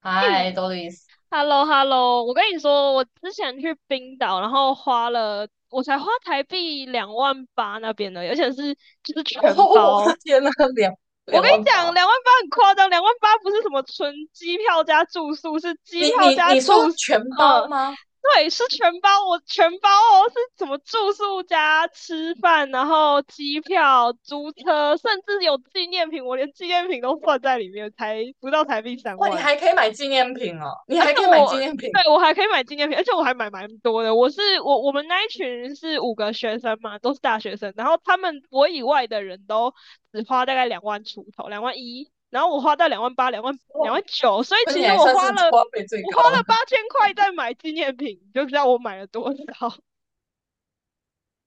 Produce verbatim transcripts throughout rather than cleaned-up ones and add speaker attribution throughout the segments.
Speaker 1: 嗨，多丽丝，
Speaker 2: h e l l o h e l l o 我跟你说，我之前去冰岛，然后花了，我才花台币两万八那边的，而且是就是
Speaker 1: 哦，
Speaker 2: 全
Speaker 1: 我
Speaker 2: 包。
Speaker 1: 的天呐，两
Speaker 2: 我
Speaker 1: 两
Speaker 2: 跟你
Speaker 1: 万
Speaker 2: 讲，
Speaker 1: 八！
Speaker 2: 两万八很夸张，两万八不是什么纯机票加住宿，是机
Speaker 1: 你
Speaker 2: 票
Speaker 1: 你
Speaker 2: 加
Speaker 1: 你说
Speaker 2: 住宿。
Speaker 1: 全包
Speaker 2: 嗯，
Speaker 1: 吗？
Speaker 2: 对，是全包，我全包哦，是什么住宿加吃饭，然后机票、租车，甚至有纪念品，我连纪念品都算在里面，才不到台币三
Speaker 1: 哇，你
Speaker 2: 万。
Speaker 1: 还可以买纪念品哦，你还可以买纪
Speaker 2: 我
Speaker 1: 念品，
Speaker 2: 对我还可以买纪念品，而且我还买蛮多的。我是我我们那一群是五个学生嘛，都是大学生，然后他们我以外的人都只花大概两万出头，两万一，然后我花到两万八、两万
Speaker 1: 哇，
Speaker 2: 两万九，所以
Speaker 1: 那
Speaker 2: 其
Speaker 1: 你
Speaker 2: 实
Speaker 1: 还
Speaker 2: 我
Speaker 1: 算是
Speaker 2: 花 了
Speaker 1: 花费最
Speaker 2: 我花
Speaker 1: 高的。
Speaker 2: 了八千块在买纪念品，你就知道我买了多少。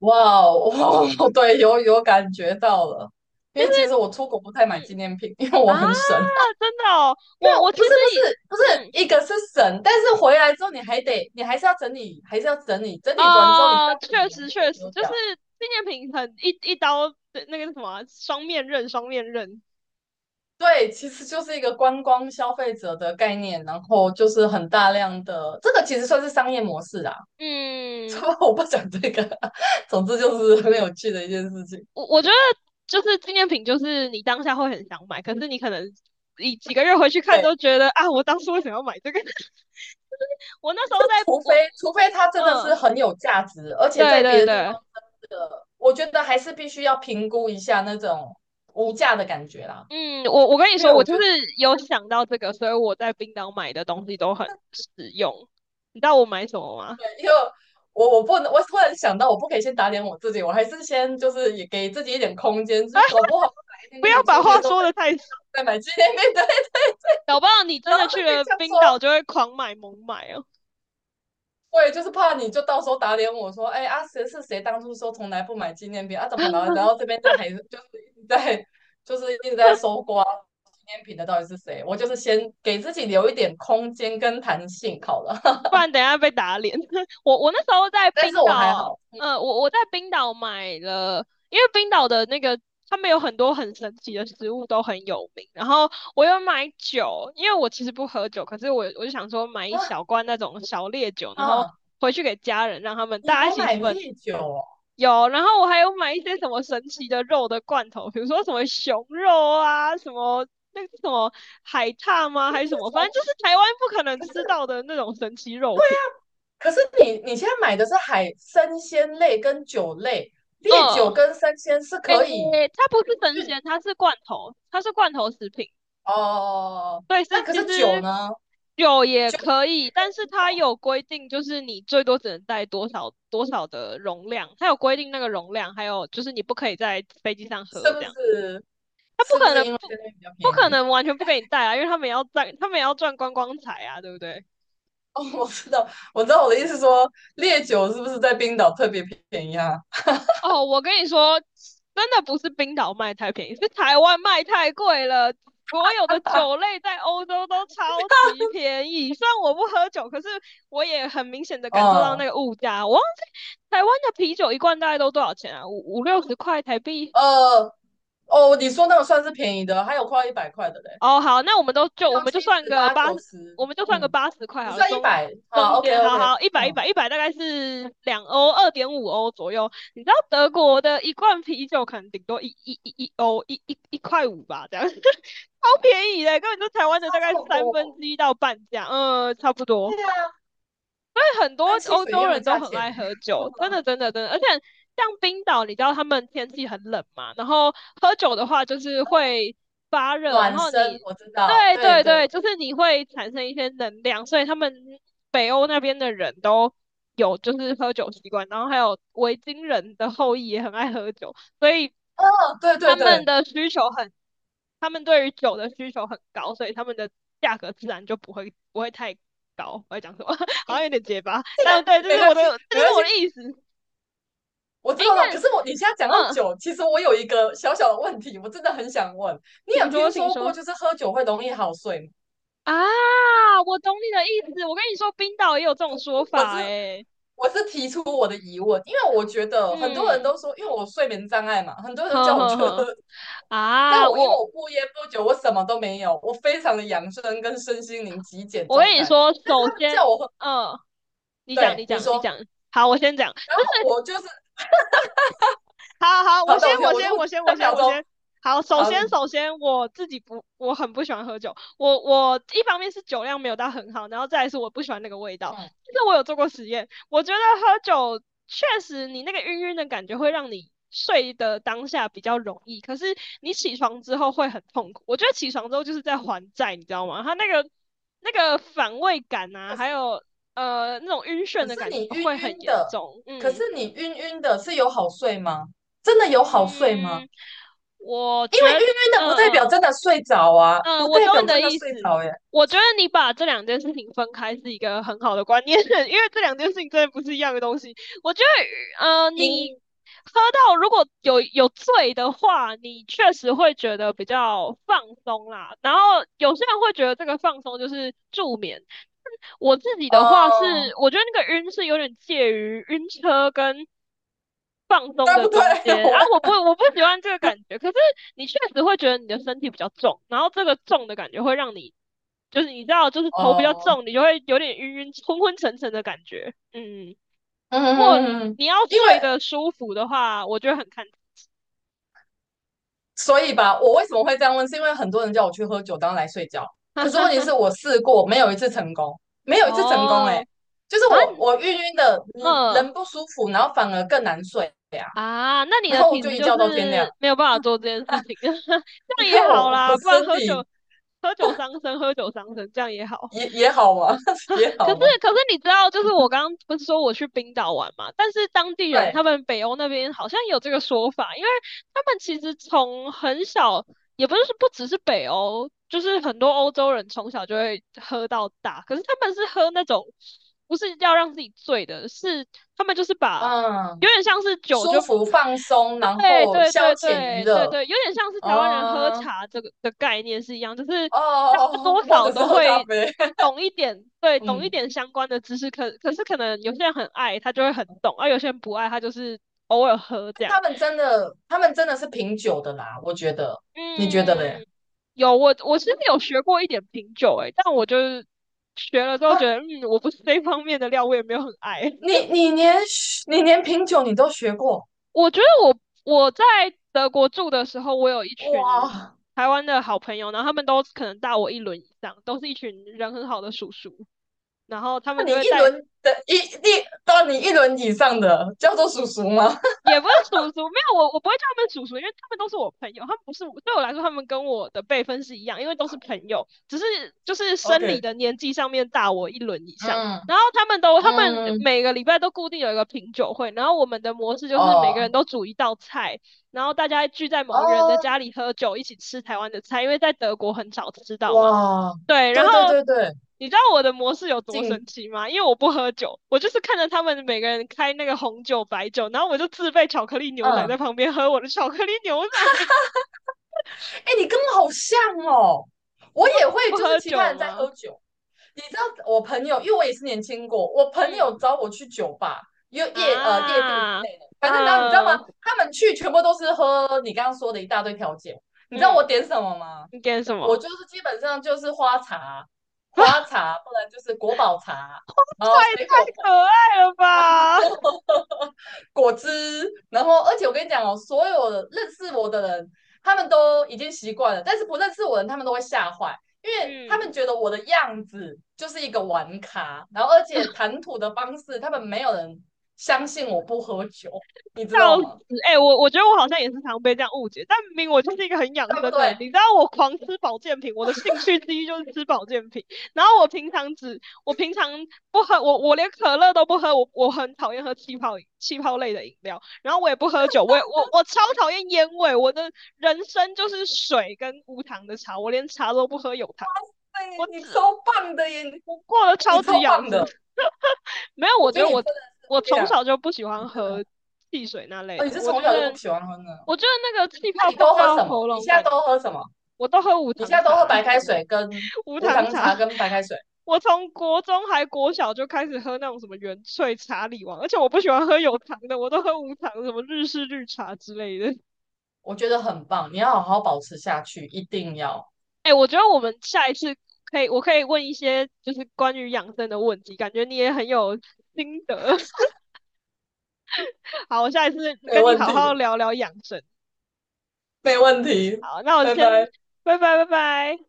Speaker 1: 哇哦，哇哦对，有有感觉到了，
Speaker 2: 其
Speaker 1: 因
Speaker 2: 实
Speaker 1: 为其实我出国不太买纪
Speaker 2: 嗯
Speaker 1: 念品，因为我
Speaker 2: 啊，
Speaker 1: 很省。
Speaker 2: 真的哦，我
Speaker 1: 哦，
Speaker 2: 我其
Speaker 1: 不是
Speaker 2: 实
Speaker 1: 不
Speaker 2: 以
Speaker 1: 是不是，
Speaker 2: 嗯
Speaker 1: 一个是省，但是回来之后你还得，你还是要整理，还是要整理，整理完之后你再
Speaker 2: 啊，
Speaker 1: 不理，
Speaker 2: 确
Speaker 1: 你还
Speaker 2: 实
Speaker 1: 是得
Speaker 2: 确实
Speaker 1: 丢
Speaker 2: 就
Speaker 1: 掉。
Speaker 2: 是纪念品很一一刀。那那个什么啊双面刃，双面刃。
Speaker 1: 对，其实就是一个观光消费者的概念，然后就是很大量的，这个其实算是商业模式啦。这
Speaker 2: 嗯，
Speaker 1: 我不讲这个，总之就是很有趣的一件事情。
Speaker 2: 我我觉得就是纪念品，就是你当下会很想买，可是你可能你几个月回去看
Speaker 1: 对，
Speaker 2: 都觉得啊，我当初为什么要买这个？我那时候在
Speaker 1: 除非
Speaker 2: 我
Speaker 1: 除非它真的是
Speaker 2: 嗯，
Speaker 1: 很有价值，而且
Speaker 2: 对
Speaker 1: 在别
Speaker 2: 对
Speaker 1: 的地方
Speaker 2: 对。
Speaker 1: 真的，我觉得还是必须要评估一下那种无价的感觉啦。
Speaker 2: 嗯，我我跟你
Speaker 1: 因为
Speaker 2: 说，我
Speaker 1: 我觉
Speaker 2: 就是有想到这个，所以我在冰岛买的东西都很实用。你知道我买什么吗？
Speaker 1: 因为我我不能，我突然想到，我不可以先打脸我自己，我还是先就是也给自己一点空间，就是搞不好哪一天
Speaker 2: 不
Speaker 1: 跟
Speaker 2: 要
Speaker 1: 你
Speaker 2: 把
Speaker 1: 出去的
Speaker 2: 话
Speaker 1: 时候被
Speaker 2: 说的
Speaker 1: 你
Speaker 2: 太死，
Speaker 1: 在买纪念品，对，
Speaker 2: 搞不好你真
Speaker 1: 然后
Speaker 2: 的
Speaker 1: 再
Speaker 2: 去
Speaker 1: 被
Speaker 2: 了
Speaker 1: 这样说，
Speaker 2: 冰岛就会狂买猛买哦。
Speaker 1: 我也就是怕你就到时候打脸我说，哎，啊，谁是谁当初说从来不买纪念品啊？怎么了？然后这边在还是就是一直在就是一直在搜刮纪念品的到底是谁？我就是先给自己留一点空间跟弹性好了，
Speaker 2: 不然等一下被打脸。我我那时候在
Speaker 1: 但是
Speaker 2: 冰
Speaker 1: 我还
Speaker 2: 岛，
Speaker 1: 好。
Speaker 2: 呃，我我在冰岛买了，呃因为冰岛的那个他们有很多很神奇的食物都很有名。然后我有买酒，因为我其实不喝酒，可是我我就想说买一
Speaker 1: 啊
Speaker 2: 小罐那种小烈酒，然后
Speaker 1: 啊，
Speaker 2: 回去给家人，让他们
Speaker 1: 你
Speaker 2: 大家一
Speaker 1: 还
Speaker 2: 起
Speaker 1: 买
Speaker 2: 分。
Speaker 1: 烈酒哦？
Speaker 2: 有，然后我还有买一些什么神奇的肉的罐头，比如说什么熊肉啊，什么那个什么海獭吗？
Speaker 1: 你
Speaker 2: 还是
Speaker 1: 是
Speaker 2: 什么？反正
Speaker 1: 从
Speaker 2: 就是台湾不可能
Speaker 1: 可
Speaker 2: 吃
Speaker 1: 是
Speaker 2: 到的那种神奇肉品。
Speaker 1: 可是你你现在买的是海生鲜类跟酒类，烈酒
Speaker 2: 哦，
Speaker 1: 跟生鲜是
Speaker 2: 诶，
Speaker 1: 可以
Speaker 2: 它不是生
Speaker 1: 运
Speaker 2: 鲜，它是罐头，它是罐头食品。
Speaker 1: 哦。
Speaker 2: 对，
Speaker 1: 那
Speaker 2: 是
Speaker 1: 可
Speaker 2: 其
Speaker 1: 是酒
Speaker 2: 实
Speaker 1: 呢？
Speaker 2: 有也可以，但是它有规定，就是你最多只能带多少多少的容量，它有规定那个容量，还有就是你不可以在飞机上
Speaker 1: 是
Speaker 2: 喝
Speaker 1: 不
Speaker 2: 这样。
Speaker 1: 是？
Speaker 2: 它不
Speaker 1: 是不
Speaker 2: 可
Speaker 1: 是
Speaker 2: 能
Speaker 1: 因为
Speaker 2: 不
Speaker 1: 在那边比较
Speaker 2: 不
Speaker 1: 便
Speaker 2: 可
Speaker 1: 宜？
Speaker 2: 能完全不给你带啊，因为他们也要赚，他们也要赚观光财啊，对不对？
Speaker 1: 哦，我知道，我知道我的意思说，烈酒是不是在冰岛特别便宜啊？
Speaker 2: 哦，我跟你说，真的不是冰岛卖太便宜，是台湾卖太贵了。所有的酒 类在欧洲都超级便宜，虽然我不喝酒，可是我也很明显的感受到那
Speaker 1: 嗯，
Speaker 2: 个物价。我忘记台湾的啤酒一罐大概都多少钱啊？五五六十块台币。
Speaker 1: 呃，哦，你说那个算是便宜的，还有快要一百块的嘞，
Speaker 2: 哦，好，那我们都
Speaker 1: 六
Speaker 2: 就我们
Speaker 1: 七
Speaker 2: 就算
Speaker 1: 十
Speaker 2: 个
Speaker 1: 八
Speaker 2: 八，
Speaker 1: 九十，
Speaker 2: 我们就算个
Speaker 1: 嗯，
Speaker 2: 八十块
Speaker 1: 你
Speaker 2: 好了。
Speaker 1: 算一
Speaker 2: 中
Speaker 1: 百啊
Speaker 2: 中
Speaker 1: ？OK
Speaker 2: 间，好
Speaker 1: OK,
Speaker 2: 好，一百一
Speaker 1: 嗯，
Speaker 2: 百一百大概是两欧，二点五欧左右。你知道德国的一罐啤酒可能顶多一一一一欧，一一一块五吧，这样 超便宜的，根本就台湾的
Speaker 1: 差
Speaker 2: 大
Speaker 1: 这
Speaker 2: 概
Speaker 1: 么
Speaker 2: 三
Speaker 1: 多
Speaker 2: 分
Speaker 1: 哦，
Speaker 2: 之一到半价，嗯，差不多。
Speaker 1: 对呀。
Speaker 2: 为很多
Speaker 1: 跟汽
Speaker 2: 欧
Speaker 1: 水一
Speaker 2: 洲
Speaker 1: 样的
Speaker 2: 人都
Speaker 1: 价
Speaker 2: 很
Speaker 1: 钱
Speaker 2: 爱
Speaker 1: 呢、
Speaker 2: 喝 酒，真的真的真的，而且像冰岛，你知道他们天气很冷嘛，然后喝酒的话就是会发热。然
Speaker 1: 暖
Speaker 2: 后
Speaker 1: 身
Speaker 2: 你
Speaker 1: 我知道，
Speaker 2: 对
Speaker 1: 对
Speaker 2: 对
Speaker 1: 对
Speaker 2: 对，就
Speaker 1: 对，
Speaker 2: 是你会产生一些能量，所以他们北欧那边的人都有就是喝酒习惯，然后还有维京人的后裔也很爱喝酒，所以
Speaker 1: 哦，对对
Speaker 2: 他们
Speaker 1: 对，
Speaker 2: 的需求很，他们对于酒的需求很高，所以他们的价格自然就不会不会太高。我在讲什么？好
Speaker 1: 诶，
Speaker 2: 像有点结巴，
Speaker 1: 这个
Speaker 2: 但对，这
Speaker 1: 没
Speaker 2: 是
Speaker 1: 关
Speaker 2: 我的，
Speaker 1: 系，
Speaker 2: 这
Speaker 1: 没
Speaker 2: 就
Speaker 1: 关
Speaker 2: 是
Speaker 1: 系，
Speaker 2: 我的意思。
Speaker 1: 我知道了。可是我你现在讲到
Speaker 2: 嗯，
Speaker 1: 酒，其实我有一个小小的问题，我真的很想问，你
Speaker 2: 请
Speaker 1: 有
Speaker 2: 说，
Speaker 1: 听
Speaker 2: 请
Speaker 1: 说过
Speaker 2: 说。
Speaker 1: 就是喝酒会容易好睡吗？
Speaker 2: 啊，我懂你的意思。我跟你说，冰岛也有这种说
Speaker 1: 我知。
Speaker 2: 法诶。
Speaker 1: 我是提出我的疑问，因为我觉得很多人
Speaker 2: 嗯，
Speaker 1: 都说，因为我睡眠障碍嘛，很多人都
Speaker 2: 呵
Speaker 1: 叫我
Speaker 2: 呵
Speaker 1: 去
Speaker 2: 呵。
Speaker 1: 喝，但
Speaker 2: 啊，
Speaker 1: 我因为
Speaker 2: 我
Speaker 1: 我不烟不酒，我什么都没有，我非常的养生跟身心灵极简
Speaker 2: 我
Speaker 1: 状
Speaker 2: 跟你
Speaker 1: 态，
Speaker 2: 说，
Speaker 1: 但是
Speaker 2: 首
Speaker 1: 他们
Speaker 2: 先，
Speaker 1: 叫我喝，
Speaker 2: 嗯，你讲，你
Speaker 1: 对你
Speaker 2: 讲，你
Speaker 1: 说，
Speaker 2: 讲。好，我先讲。
Speaker 1: 我就是
Speaker 2: 好好，我
Speaker 1: 好
Speaker 2: 先，
Speaker 1: 的，我觉得
Speaker 2: 我
Speaker 1: 我就
Speaker 2: 先，我先，我
Speaker 1: 三
Speaker 2: 先，
Speaker 1: 秒
Speaker 2: 我
Speaker 1: 钟，
Speaker 2: 先。好，首先，
Speaker 1: 很
Speaker 2: 首先我自己不，我很不喜欢喝酒。我我一方面是酒量没有到很好，然后再来是我不喜欢那个味道。
Speaker 1: 嗯，
Speaker 2: 但是我有做过实验，我觉得喝酒确实你那个晕晕的感觉会让你睡的当下比较容易，可是你起床之后会很痛苦。我觉得起床之后就是在还债，你知道吗？他那个那个反胃感啊，
Speaker 1: 可
Speaker 2: 还
Speaker 1: 是
Speaker 2: 有呃那种晕眩
Speaker 1: 可
Speaker 2: 的
Speaker 1: 是
Speaker 2: 感觉
Speaker 1: 你晕
Speaker 2: 会很
Speaker 1: 晕
Speaker 2: 严
Speaker 1: 的，
Speaker 2: 重。
Speaker 1: 可是
Speaker 2: 嗯，
Speaker 1: 你晕晕的是有好睡吗？真的有好睡吗？
Speaker 2: 嗯，我
Speaker 1: 因为晕
Speaker 2: 觉得
Speaker 1: 晕的不
Speaker 2: 嗯
Speaker 1: 代表
Speaker 2: 嗯
Speaker 1: 真的睡着啊，
Speaker 2: 嗯，
Speaker 1: 不
Speaker 2: 我
Speaker 1: 代
Speaker 2: 懂
Speaker 1: 表
Speaker 2: 你的
Speaker 1: 真的
Speaker 2: 意思。
Speaker 1: 睡着耶。
Speaker 2: 我觉得你把这两件事情分开是一个很好的观念，因为这两件事情真的不是一样的东西。我觉得，呃，你
Speaker 1: 因
Speaker 2: 喝到如果有有醉的话，你确实会觉得比较放松啦。然后有些人会觉得这个放松就是助眠，我自己的话
Speaker 1: 哦，
Speaker 2: 是，我觉得那个晕是有点介于晕车跟放松
Speaker 1: 对
Speaker 2: 的
Speaker 1: 不对？
Speaker 2: 中 间啊，
Speaker 1: 我
Speaker 2: 我不我不喜欢这个感觉，可是你确实会觉得你的身体比较重，然后这个重的感觉会让你就是你知道就是头比较
Speaker 1: 哦，
Speaker 2: 重，你就会有点晕晕昏昏沉沉的感觉。嗯，
Speaker 1: 嗯嗯
Speaker 2: 如果
Speaker 1: 嗯，嗯
Speaker 2: 你要
Speaker 1: 因为
Speaker 2: 睡得舒服的话，我觉得很看。
Speaker 1: 所以吧，我为什么会这样问，是因为很多人叫我去喝酒当来睡觉，
Speaker 2: 哈
Speaker 1: 可是
Speaker 2: 哈
Speaker 1: 问题是
Speaker 2: 哈。
Speaker 1: 我试过，没有一次成功，没 有一次成功、欸，
Speaker 2: 哦，
Speaker 1: 哎，就是
Speaker 2: 啊，
Speaker 1: 我我晕晕的，嗯
Speaker 2: 嗯、
Speaker 1: 人不舒服，然后反而更难睡呀、啊
Speaker 2: 啊，那你
Speaker 1: 然
Speaker 2: 的
Speaker 1: 后我
Speaker 2: 体
Speaker 1: 就
Speaker 2: 质
Speaker 1: 一
Speaker 2: 就
Speaker 1: 觉到天亮，
Speaker 2: 是没有办法做这件事情，这 样
Speaker 1: 因为
Speaker 2: 也好
Speaker 1: 我我
Speaker 2: 啦，不然
Speaker 1: 身
Speaker 2: 喝酒
Speaker 1: 体
Speaker 2: 喝酒伤身，喝酒伤身，这样也好。
Speaker 1: 也也好嘛，也
Speaker 2: 可
Speaker 1: 好
Speaker 2: 是
Speaker 1: 嘛，
Speaker 2: 可是你知道，就是我刚刚不是说我去冰岛玩嘛，但是当地人他
Speaker 1: 对，
Speaker 2: 们北欧那边好像有这个说法，因为他们其实从很小，也不是不只是北欧，就是很多欧洲人从小就会喝到大，可是他们是喝那种不是要让自己醉的，是他们就是把
Speaker 1: 嗯，
Speaker 2: 有点像是酒
Speaker 1: 舒
Speaker 2: 就。
Speaker 1: 服放松，然
Speaker 2: 对
Speaker 1: 后
Speaker 2: 对
Speaker 1: 消
Speaker 2: 对
Speaker 1: 遣娱
Speaker 2: 对对
Speaker 1: 乐，
Speaker 2: 对，有点像是台湾人喝
Speaker 1: 嗯，
Speaker 2: 茶这个的概念是一样，就是大家
Speaker 1: 哦，
Speaker 2: 多
Speaker 1: 或
Speaker 2: 少
Speaker 1: 者是
Speaker 2: 都
Speaker 1: 喝咖
Speaker 2: 会
Speaker 1: 啡，
Speaker 2: 懂一点，对，懂一
Speaker 1: 嗯。
Speaker 2: 点相关的知识。可可是可能有些人很爱，他就会很懂；而、有些人不爱，他就是偶尔喝这样。
Speaker 1: 他们真的，他们真的是品酒的啦，我觉得，你觉得嘞？
Speaker 2: 嗯，有我我其实有学过一点品酒、欸，诶，但我就是学了之后觉
Speaker 1: 啊，
Speaker 2: 得，嗯，我不是这一方面的料，我也没有很爱。
Speaker 1: 你 你连你连品酒你都学过，
Speaker 2: 我觉得我我在德国住的时候，我有一群
Speaker 1: 哇，
Speaker 2: 台湾的好朋友，然后他们都可能大我一轮以上，都是一群人很好的叔叔，然后他
Speaker 1: 那
Speaker 2: 们就
Speaker 1: 你
Speaker 2: 会
Speaker 1: 一
Speaker 2: 带
Speaker 1: 轮的一一到你一轮以上的叫做叔叔吗
Speaker 2: 也不是叔叔，没有我，我不会叫他们叔叔，因为他们都是我朋友，他们不是我对我来说，他们跟我的辈分是一样，因为都是朋友，只是就 是生理
Speaker 1: ？OK,
Speaker 2: 的年纪上面大我一轮以上。
Speaker 1: 嗯
Speaker 2: 然后他们都，他们
Speaker 1: 嗯，
Speaker 2: 每个礼拜都固定有一个品酒会，然后我们的模式就是每
Speaker 1: 哦
Speaker 2: 个人都煮一道菜，然后大家聚在某一个人的
Speaker 1: 哦，
Speaker 2: 家里喝酒，一起吃台湾的菜，因为在德国很少吃到嘛。
Speaker 1: 哇，
Speaker 2: 对，然
Speaker 1: 对
Speaker 2: 后
Speaker 1: 对对对，
Speaker 2: 你知道我的模式有多
Speaker 1: 进，
Speaker 2: 神奇吗？因为我不喝酒，我就是看着他们每个人开那个红酒、白酒，然后我就自备巧克力牛奶在
Speaker 1: 嗯，
Speaker 2: 旁边喝我的巧克力牛奶。
Speaker 1: 哎，你跟我好像哦，
Speaker 2: 你
Speaker 1: 我
Speaker 2: 说
Speaker 1: 也
Speaker 2: 不
Speaker 1: 会，
Speaker 2: 不
Speaker 1: 就是
Speaker 2: 喝
Speaker 1: 其他
Speaker 2: 酒
Speaker 1: 人在
Speaker 2: 吗？
Speaker 1: 喝酒，你知道我朋友，因为我也是年轻过，我朋
Speaker 2: 嗯
Speaker 1: 友找我去酒吧、夜夜呃夜店之
Speaker 2: 啊，
Speaker 1: 类的，反正然后你知道吗？
Speaker 2: 嗯
Speaker 1: 他们去全部都是喝你刚刚说的一大堆调酒，你知道我
Speaker 2: 嗯，
Speaker 1: 点什么吗？
Speaker 2: 你点什
Speaker 1: 我
Speaker 2: 么？
Speaker 1: 就是基本上就是花茶、花 茶，不然就是国宝茶，
Speaker 2: 哇
Speaker 1: 然
Speaker 2: 塞，
Speaker 1: 后水果
Speaker 2: 太可爱了吧！
Speaker 1: 果汁，然后而且我跟你讲哦，所有认识我的人，他们都已经习惯了，但是不认识我的人，他们都会吓坏，因为他
Speaker 2: 嗯。
Speaker 1: 们觉得我的样子就是一个玩咖，然后而且谈吐的方式，他们没有人相信我不喝酒，你知道
Speaker 2: 笑死！
Speaker 1: 吗？
Speaker 2: 哎、欸我我觉得我好像也是常被这样误解，但明明我就是一个很养
Speaker 1: 对不
Speaker 2: 生的人，
Speaker 1: 对？
Speaker 2: 你知道我狂吃保健品，我的兴趣之一就是吃保健品。然后我平常只，我平常不喝，我我连可乐都不喝，我我很讨厌喝气泡气泡类的饮料，然后我也不喝酒，我也我我超讨厌烟味，我的人生就是水跟无糖的茶，我连茶都不喝有糖，我
Speaker 1: 对，你
Speaker 2: 只
Speaker 1: 超棒的耶，
Speaker 2: 我过得
Speaker 1: 你
Speaker 2: 超级
Speaker 1: 超
Speaker 2: 养
Speaker 1: 棒
Speaker 2: 生。
Speaker 1: 的，
Speaker 2: 没有，
Speaker 1: 我
Speaker 2: 我觉
Speaker 1: 觉
Speaker 2: 得
Speaker 1: 得你
Speaker 2: 我
Speaker 1: 真的是，
Speaker 2: 我
Speaker 1: 我跟你
Speaker 2: 从
Speaker 1: 讲，
Speaker 2: 小就不喜
Speaker 1: 你
Speaker 2: 欢
Speaker 1: 真的，
Speaker 2: 喝汽水那类
Speaker 1: 哦，你
Speaker 2: 的
Speaker 1: 是
Speaker 2: 我
Speaker 1: 从
Speaker 2: 觉
Speaker 1: 小就不
Speaker 2: 得
Speaker 1: 喜欢喝呢？
Speaker 2: 我觉得那个气
Speaker 1: 那
Speaker 2: 泡
Speaker 1: 你
Speaker 2: 碰
Speaker 1: 都喝
Speaker 2: 到
Speaker 1: 什么？
Speaker 2: 喉
Speaker 1: 你
Speaker 2: 咙
Speaker 1: 现在
Speaker 2: 感，
Speaker 1: 都喝什么？
Speaker 2: 我都喝无
Speaker 1: 你现
Speaker 2: 糖
Speaker 1: 在都喝
Speaker 2: 茶、欸，
Speaker 1: 白开水跟
Speaker 2: 无
Speaker 1: 无
Speaker 2: 糖
Speaker 1: 糖
Speaker 2: 茶。
Speaker 1: 茶跟白开水？
Speaker 2: 我从国中还国小就开始喝那种什么原萃茶里王，而且我不喜欢喝有糖的，我都喝无糖，什么日式绿茶之类的。
Speaker 1: 我觉得很棒，你要好好保持下去，一定要。
Speaker 2: 哎、欸我觉得我们下一次可以，我可以问一些就是关于养生的问题，感觉你也很有心得。好，我下一次
Speaker 1: 没
Speaker 2: 跟你
Speaker 1: 问
Speaker 2: 好好
Speaker 1: 题，
Speaker 2: 聊聊养生。
Speaker 1: 没问题，
Speaker 2: 好，那我
Speaker 1: 拜
Speaker 2: 先
Speaker 1: 拜。
Speaker 2: 拜拜拜拜。